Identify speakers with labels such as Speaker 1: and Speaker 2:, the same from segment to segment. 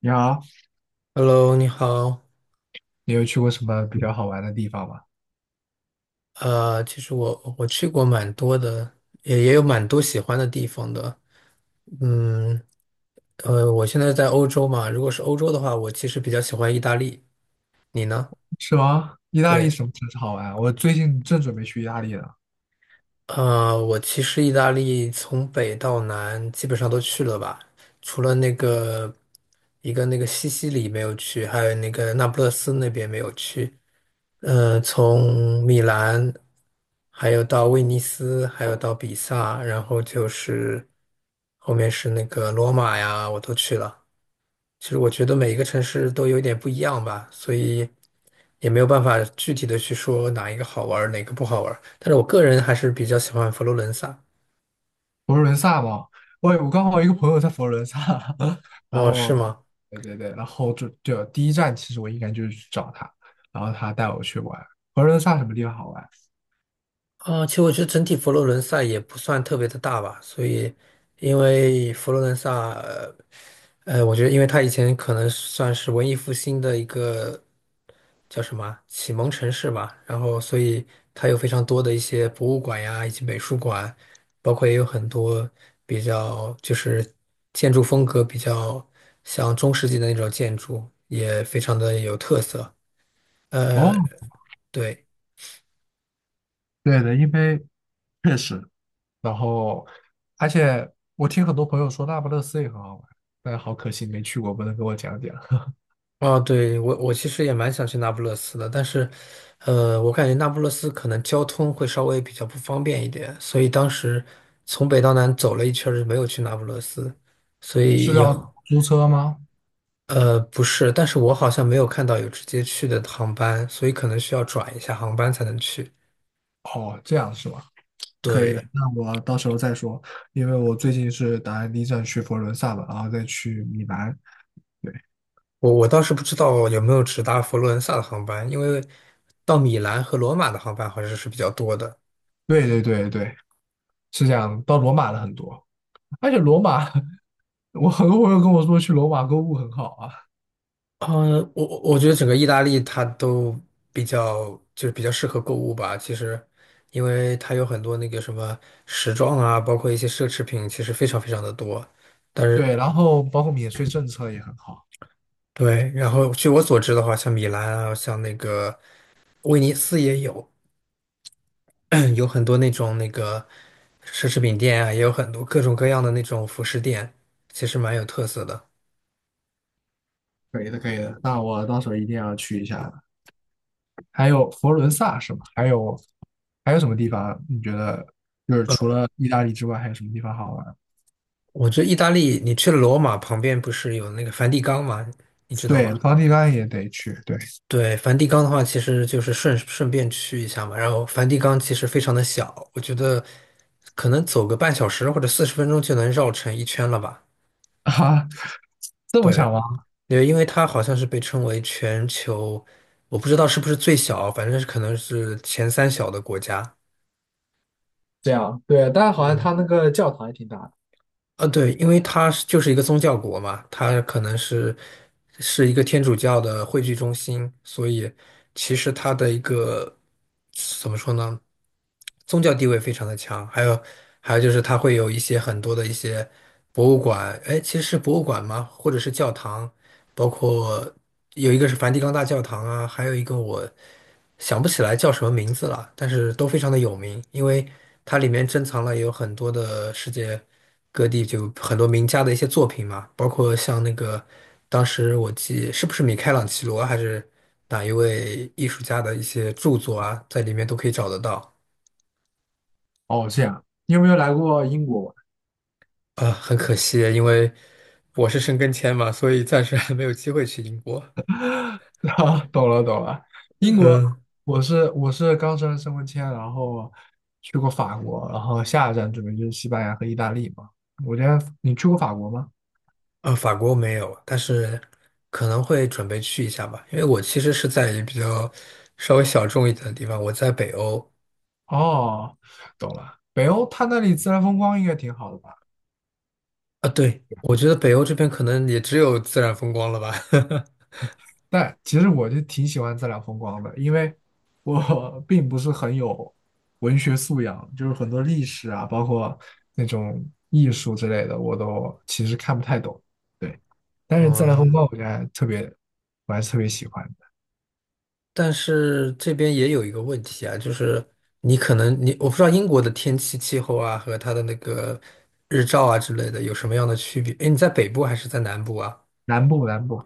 Speaker 1: 你好，
Speaker 2: Hello，你好。
Speaker 1: 你有去过什么比较好玩的地方吗？
Speaker 2: 其实我去过蛮多的，也有蛮多喜欢的地方的。嗯，我现在在欧洲嘛，如果是欧洲的话，我其实比较喜欢意大利。你呢？
Speaker 1: 是吗？意大利
Speaker 2: 对，
Speaker 1: 什么城市好玩啊？我最近正准备去意大利呢，
Speaker 2: 我其实意大利从北到南基本上都去了吧，除了那个一个那个西西里没有去，还有那个那不勒斯那边没有去。从米兰，还有到威尼斯，还有到比萨，然后就是后面是那个罗马呀，我都去了。其实我觉得每一个城市都有一点不一样吧，所以也没有办法具体的去说哪一个好玩儿，哪个不好玩儿。但是我个人还是比较喜欢佛罗伦萨。
Speaker 1: 佛罗伦萨嘛。我刚好一个朋友在佛罗伦萨，然
Speaker 2: 哦，是
Speaker 1: 后，
Speaker 2: 吗？
Speaker 1: 对对对，然后就第一站其实我应该就是去找他，然后他带我去玩佛罗伦萨什么地方好玩？
Speaker 2: 啊，其实我觉得整体佛罗伦萨也不算特别的大吧，所以因为佛罗伦萨我觉得因为它以前可能算是文艺复兴的一个叫什么啊启蒙城市吧，然后所以它有非常多的一些博物馆呀，以及美术馆，包括也有很多比较就是建筑风格比较像中世纪的那种建筑，也非常的有特色。
Speaker 1: 哦，
Speaker 2: 对。
Speaker 1: 对的，因为确实，然后而且我听很多朋友说那不勒斯也很好玩，但是好可惜没去过，不能给我讲讲。
Speaker 2: 啊，对，我其实也蛮想去那不勒斯的，但是，我感觉那不勒斯可能交通会稍微比较不方便一点，所以当时从北到南走了一圈儿，没有去那不勒斯，所
Speaker 1: 是
Speaker 2: 以也，
Speaker 1: 要租车吗？
Speaker 2: 不是，但是我好像没有看到有直接去的航班，所以可能需要转一下航班才能去。
Speaker 1: 哦，这样是吗？可以的，
Speaker 2: 对，
Speaker 1: 那我到时候再说，因为我最近是打算第一站去佛罗伦萨嘛，然后再去米兰。对，
Speaker 2: 我倒是不知道有没有直达佛罗伦萨的航班，因为到米兰和罗马的航班好像是比较多的。
Speaker 1: 对对对对，是这样。到罗马的很多，而且罗马，我很多朋友跟我说去罗马购物很好啊。
Speaker 2: 嗯，我觉得整个意大利它都比较就是比较适合购物吧。其实，因为它有很多那个什么时装啊，包括一些奢侈品，其实非常非常的多。但是
Speaker 1: 对，然后包括免税政策也很好。
Speaker 2: 对，然后据我所知的话，像米兰啊，像那个威尼斯也有 有很多那种那个奢侈品店啊，也有很多各种各样的那种服饰店，其实蛮有特色的。
Speaker 1: 可以的，可以的。那我到时候一定要去一下的还有佛罗伦萨是吗？还有什么地方你觉得就是除了意大利之外，还有什么地方好玩？
Speaker 2: 我觉得意大利，你去了罗马旁边不是有那个梵蒂冈吗？你知道
Speaker 1: 对，
Speaker 2: 吗？
Speaker 1: 梵蒂冈也得去。对
Speaker 2: 对，梵蒂冈的话，其实就是顺顺便去一下嘛。然后梵蒂冈其实非常的小，我觉得可能走个半小时或者40分钟就能绕成一圈了吧。
Speaker 1: 啊，这么
Speaker 2: 对，
Speaker 1: 想吗？
Speaker 2: 对，因为它好像是被称为全球，我不知道是不是最小，反正是可能是前三小的国家。
Speaker 1: 这样，对，但是好像
Speaker 2: 嗯。
Speaker 1: 他那个教堂也挺大的。
Speaker 2: 对，因为它是就是一个宗教国嘛，它可能是一个天主教的汇聚中心，所以其实它的一个怎么说呢，宗教地位非常的强。还有就是它会有一些很多的一些博物馆，哎，其实是博物馆吗？或者是教堂，包括有一个是梵蒂冈大教堂啊，还有一个我想不起来叫什么名字了，但是都非常的有名，因为它里面珍藏了有很多的世界。各地就很多名家的一些作品嘛，包括像那个当时我记是不是米开朗基罗还是哪一位艺术家的一些著作啊，在里面都可以找得到。
Speaker 1: 哦，这样，你有没有来过英国玩？
Speaker 2: 啊，很可惜，因为我是申根签嘛，所以暂时还没有机会去英国。
Speaker 1: 啊，懂了懂了，英国，
Speaker 2: 嗯，
Speaker 1: 我是刚申根签，然后去过法国，然后下一站准备就是西班牙和意大利嘛。我觉得你去过法国吗？
Speaker 2: 啊，法国没有，但是可能会准备去一下吧，因为我其实是在一比较稍微小众一点的地方，我在北欧。
Speaker 1: 哦，懂了，北欧它那里自然风光应该挺好的吧？
Speaker 2: 啊，对，我觉得北欧这边可能也只有自然风光了吧。
Speaker 1: 但其实我就挺喜欢自然风光的，因为我 并不是很有文学素养，就是很多历史啊，包括那种艺术之类的，我都其实看不太懂。对，但是自然
Speaker 2: 嗯。
Speaker 1: 风光我觉得还特别，我还是特别喜欢的。
Speaker 2: 但是这边也有一个问题啊，就是你可能你我不知道英国的天气气候啊和它的那个日照啊之类的有什么样的区别？诶，你在北部还是在南部啊？
Speaker 1: 南部，南部，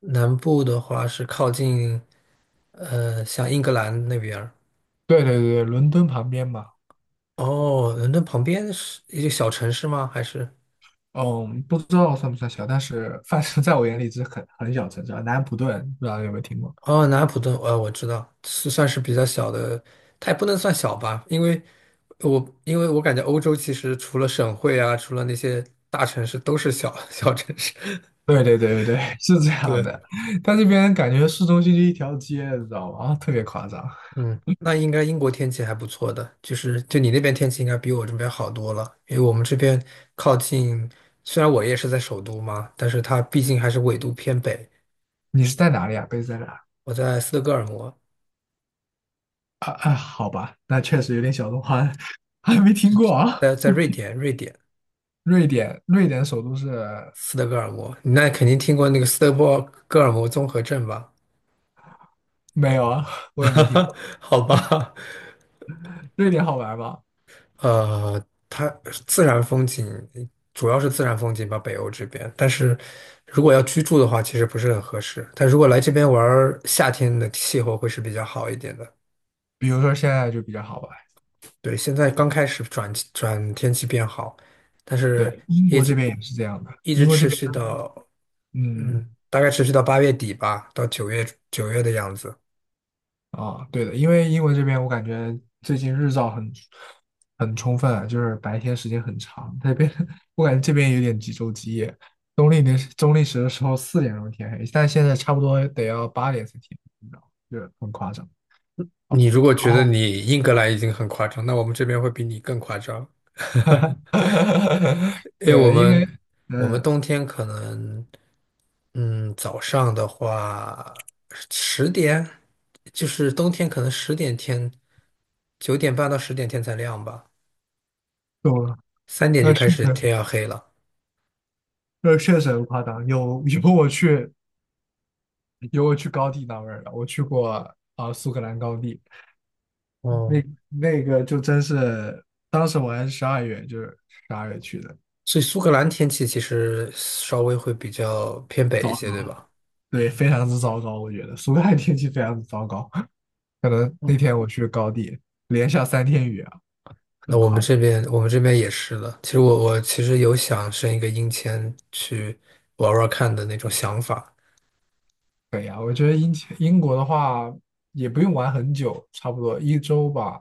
Speaker 2: 南部的话是靠近像英格兰那边儿。
Speaker 1: 对对对，伦敦旁边嘛，
Speaker 2: 哦，伦敦旁边是一个小城市吗？还是？
Speaker 1: 嗯，不知道算不算小，但是反正在我眼里是很小城市啊。南安普顿，不知道有没有听过？
Speaker 2: 哦，南安普顿，我知道是算是比较小的，它也不能算小吧，因为我感觉欧洲其实除了省会啊，除了那些大城市，都是小 小城市。
Speaker 1: 对对对对对，是这样
Speaker 2: 对，
Speaker 1: 的。它这边感觉市中心就一条街，你知道吗？啊，特别夸张。
Speaker 2: 嗯，那应该英国天气还不错的，就是就你那边天气应该比我这边好多了，因为我们这边靠近，虽然我也是在首都嘛，但是它毕竟还是纬度偏北，
Speaker 1: 你是在哪里啊？贝斯在哪儿
Speaker 2: 我在斯德哥尔摩，
Speaker 1: 啊，好吧，那确实有点小众，还没听过啊。
Speaker 2: 在瑞典
Speaker 1: 瑞典，瑞典首都是
Speaker 2: 斯德哥尔摩，你那肯定听过那个斯德哥尔摩综合症吧？
Speaker 1: 没有啊，我也没听过。
Speaker 2: 好吧，
Speaker 1: 瑞典好玩吗？
Speaker 2: 呃，它自然风景主要是自然风景吧，北欧这边。但是如果要居住的话，其实不是很合适。但如果来这边玩儿，夏天的气候会是比较好一点的。
Speaker 1: 比如说现在就比较好玩。
Speaker 2: 对，现在刚开始转转天气变好，但是
Speaker 1: 对，英
Speaker 2: 一
Speaker 1: 国这
Speaker 2: 直
Speaker 1: 边也是这样的。
Speaker 2: 一
Speaker 1: 英
Speaker 2: 直
Speaker 1: 国这
Speaker 2: 持
Speaker 1: 边，
Speaker 2: 续到
Speaker 1: 嗯，
Speaker 2: 大概持续到8月底吧，到九月的样子。
Speaker 1: 啊，对的，因为英国这边我感觉最近日照很充分，就是白天时间很长。那边 我感觉这边有点几昼几夜，冬令时的时候4点钟天黑，但现在差不多得要8点才天黑，你知道吗？就是很夸张。
Speaker 2: 你如果
Speaker 1: 然
Speaker 2: 觉得
Speaker 1: 后，
Speaker 2: 你英格兰已经很夸张，那我们这边会比你更夸张。因为我
Speaker 1: 对，因为
Speaker 2: 们我们
Speaker 1: 嗯，
Speaker 2: 冬天可能，早上的话十点，就是冬天可能十点天，9点半到十点天才亮吧，
Speaker 1: 我
Speaker 2: 3点就
Speaker 1: 那
Speaker 2: 开
Speaker 1: 是
Speaker 2: 始
Speaker 1: 的，
Speaker 2: 天要黑了。
Speaker 1: 那确实很夸张。有 有我去高地那边儿的，我去过啊、苏格兰高地，那
Speaker 2: 哦，
Speaker 1: 那个就真是，当时我还是十二月，就是十二月去的。
Speaker 2: 所以苏格兰天气其实稍微会比较偏北一
Speaker 1: 早。
Speaker 2: 些，对吧？
Speaker 1: 对，非常之糟糕，我觉得苏格兰天气非常之糟糕。可能
Speaker 2: 嗯，
Speaker 1: 那天我去高地，连下三天雨啊。
Speaker 2: 那我们这边也是的。其实我其实有想申一个英签去玩玩看的那种想法。
Speaker 1: 对呀，我觉得英国的话也不用玩很久，差不多一周吧。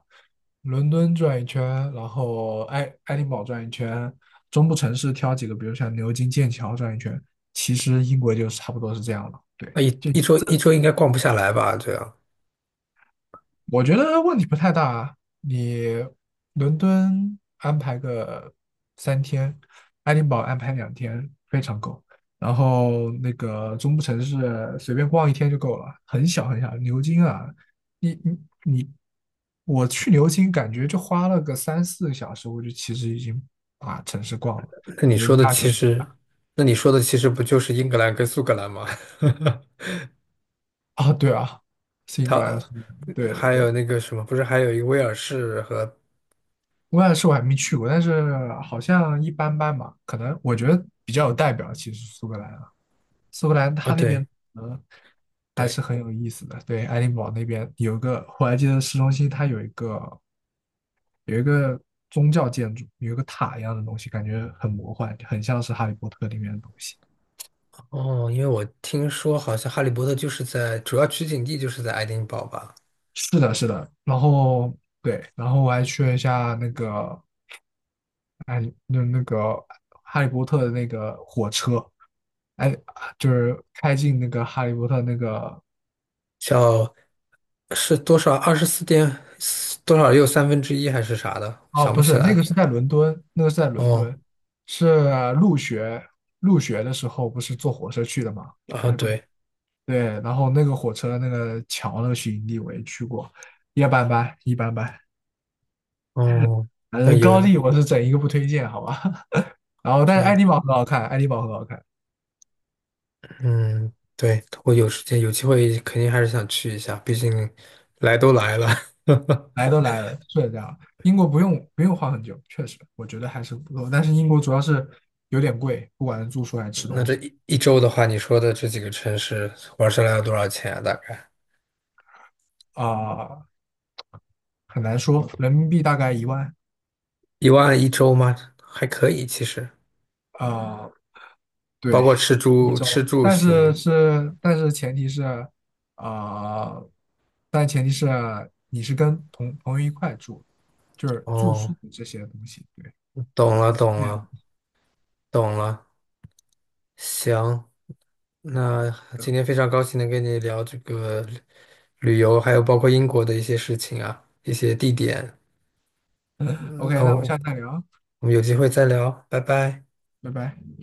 Speaker 1: 伦敦转一圈，然后爱丁堡转一圈，中部城市挑几个，比如像牛津、剑桥转一圈。其实英国就差不多是这样了。对，
Speaker 2: 那一
Speaker 1: 就
Speaker 2: 一周一周应该逛不下来吧？这样。
Speaker 1: 我觉得问题不太大。啊，你伦敦安排个三天，爱丁堡安排2天，非常够。然后那个中部城市随便逛一天就够了，很小很小。牛津啊，你你你，我去牛津感觉就花了个3、4个小时，我就其实已经把城市逛了。
Speaker 2: 那你
Speaker 1: 牛
Speaker 2: 说
Speaker 1: 津
Speaker 2: 的
Speaker 1: 大学
Speaker 2: 其实，那你说的其实不就是英格兰跟苏格兰吗？
Speaker 1: 啊，对啊，是英格兰，
Speaker 2: 它
Speaker 1: 对对
Speaker 2: 还有
Speaker 1: 对，
Speaker 2: 那个什么，不是还有一个威尔士和
Speaker 1: 威兰是我还没去过，但是好像一般般吧。可能我觉得比较有代表，其实苏格兰啊，苏格兰
Speaker 2: 啊？
Speaker 1: 它那边
Speaker 2: 对
Speaker 1: 可能还是
Speaker 2: 对，
Speaker 1: 很有意思的。对，爱丁堡那边有一个，我还记得市中心它有一个宗教建筑，有一个塔一样的东西，感觉很魔幻，很像是《哈利波特》里面的东西。
Speaker 2: 哦，因为我听说好像《哈利波特》就是在主要取景地就是在爱丁堡吧？
Speaker 1: 是的，是的。然后对，然后我还去了一下那个哎，那个《哈利波特》的那个火车，哎，就是开进那个哈利波特那个，
Speaker 2: 叫是多少？24点多少又1/3还是啥的？
Speaker 1: 哦，
Speaker 2: 想不
Speaker 1: 不
Speaker 2: 起
Speaker 1: 是，那
Speaker 2: 来。
Speaker 1: 个是在伦敦，那个是在伦
Speaker 2: 哦
Speaker 1: 敦，是入学入学的时候不是坐火车去的吗？
Speaker 2: 啊，
Speaker 1: 哈利波特，
Speaker 2: 对
Speaker 1: 对，然后那个火车那个桥那个取景地我也去过，一般般，一般般，
Speaker 2: 哦，
Speaker 1: 反
Speaker 2: 那
Speaker 1: 正高
Speaker 2: 有
Speaker 1: 地我是整一个不推荐，好吧？然后但
Speaker 2: 这
Speaker 1: 是爱
Speaker 2: 样。
Speaker 1: 丁堡很好看，爱丁堡很好看，
Speaker 2: 嗯，对，我有时间有机会肯定还是想去一下，毕竟来都来了。
Speaker 1: 来都来了，是这样。英国不用花很久，确实我觉得还是不够，但是英国主要是有点贵，不管是住宿还是吃
Speaker 2: 那
Speaker 1: 东
Speaker 2: 这
Speaker 1: 西
Speaker 2: 一一周的话，你说的这几个城市玩下来要多少钱啊？大概
Speaker 1: 啊。很难说，人民币大概1万，
Speaker 2: 1万一周吗？还可以，其实
Speaker 1: 呃，
Speaker 2: 包
Speaker 1: 对，
Speaker 2: 括吃
Speaker 1: 一
Speaker 2: 住吃
Speaker 1: 周，
Speaker 2: 住
Speaker 1: 但是
Speaker 2: 行。
Speaker 1: 是，但是前提是，啊，但前提是你是跟同朋友一块住，就是住
Speaker 2: 哦，
Speaker 1: 宿这些东西，对，
Speaker 2: 懂了，
Speaker 1: 那是
Speaker 2: 懂
Speaker 1: 这些东
Speaker 2: 了，
Speaker 1: 西。
Speaker 2: 懂了。行，那今天非常高兴能跟你聊这个旅游，还有包括英国的一些事情啊，一些地点。嗯那
Speaker 1: OK，那我们下
Speaker 2: 我
Speaker 1: 次再聊啊，
Speaker 2: 我们有机会再聊，拜拜。
Speaker 1: 拜拜。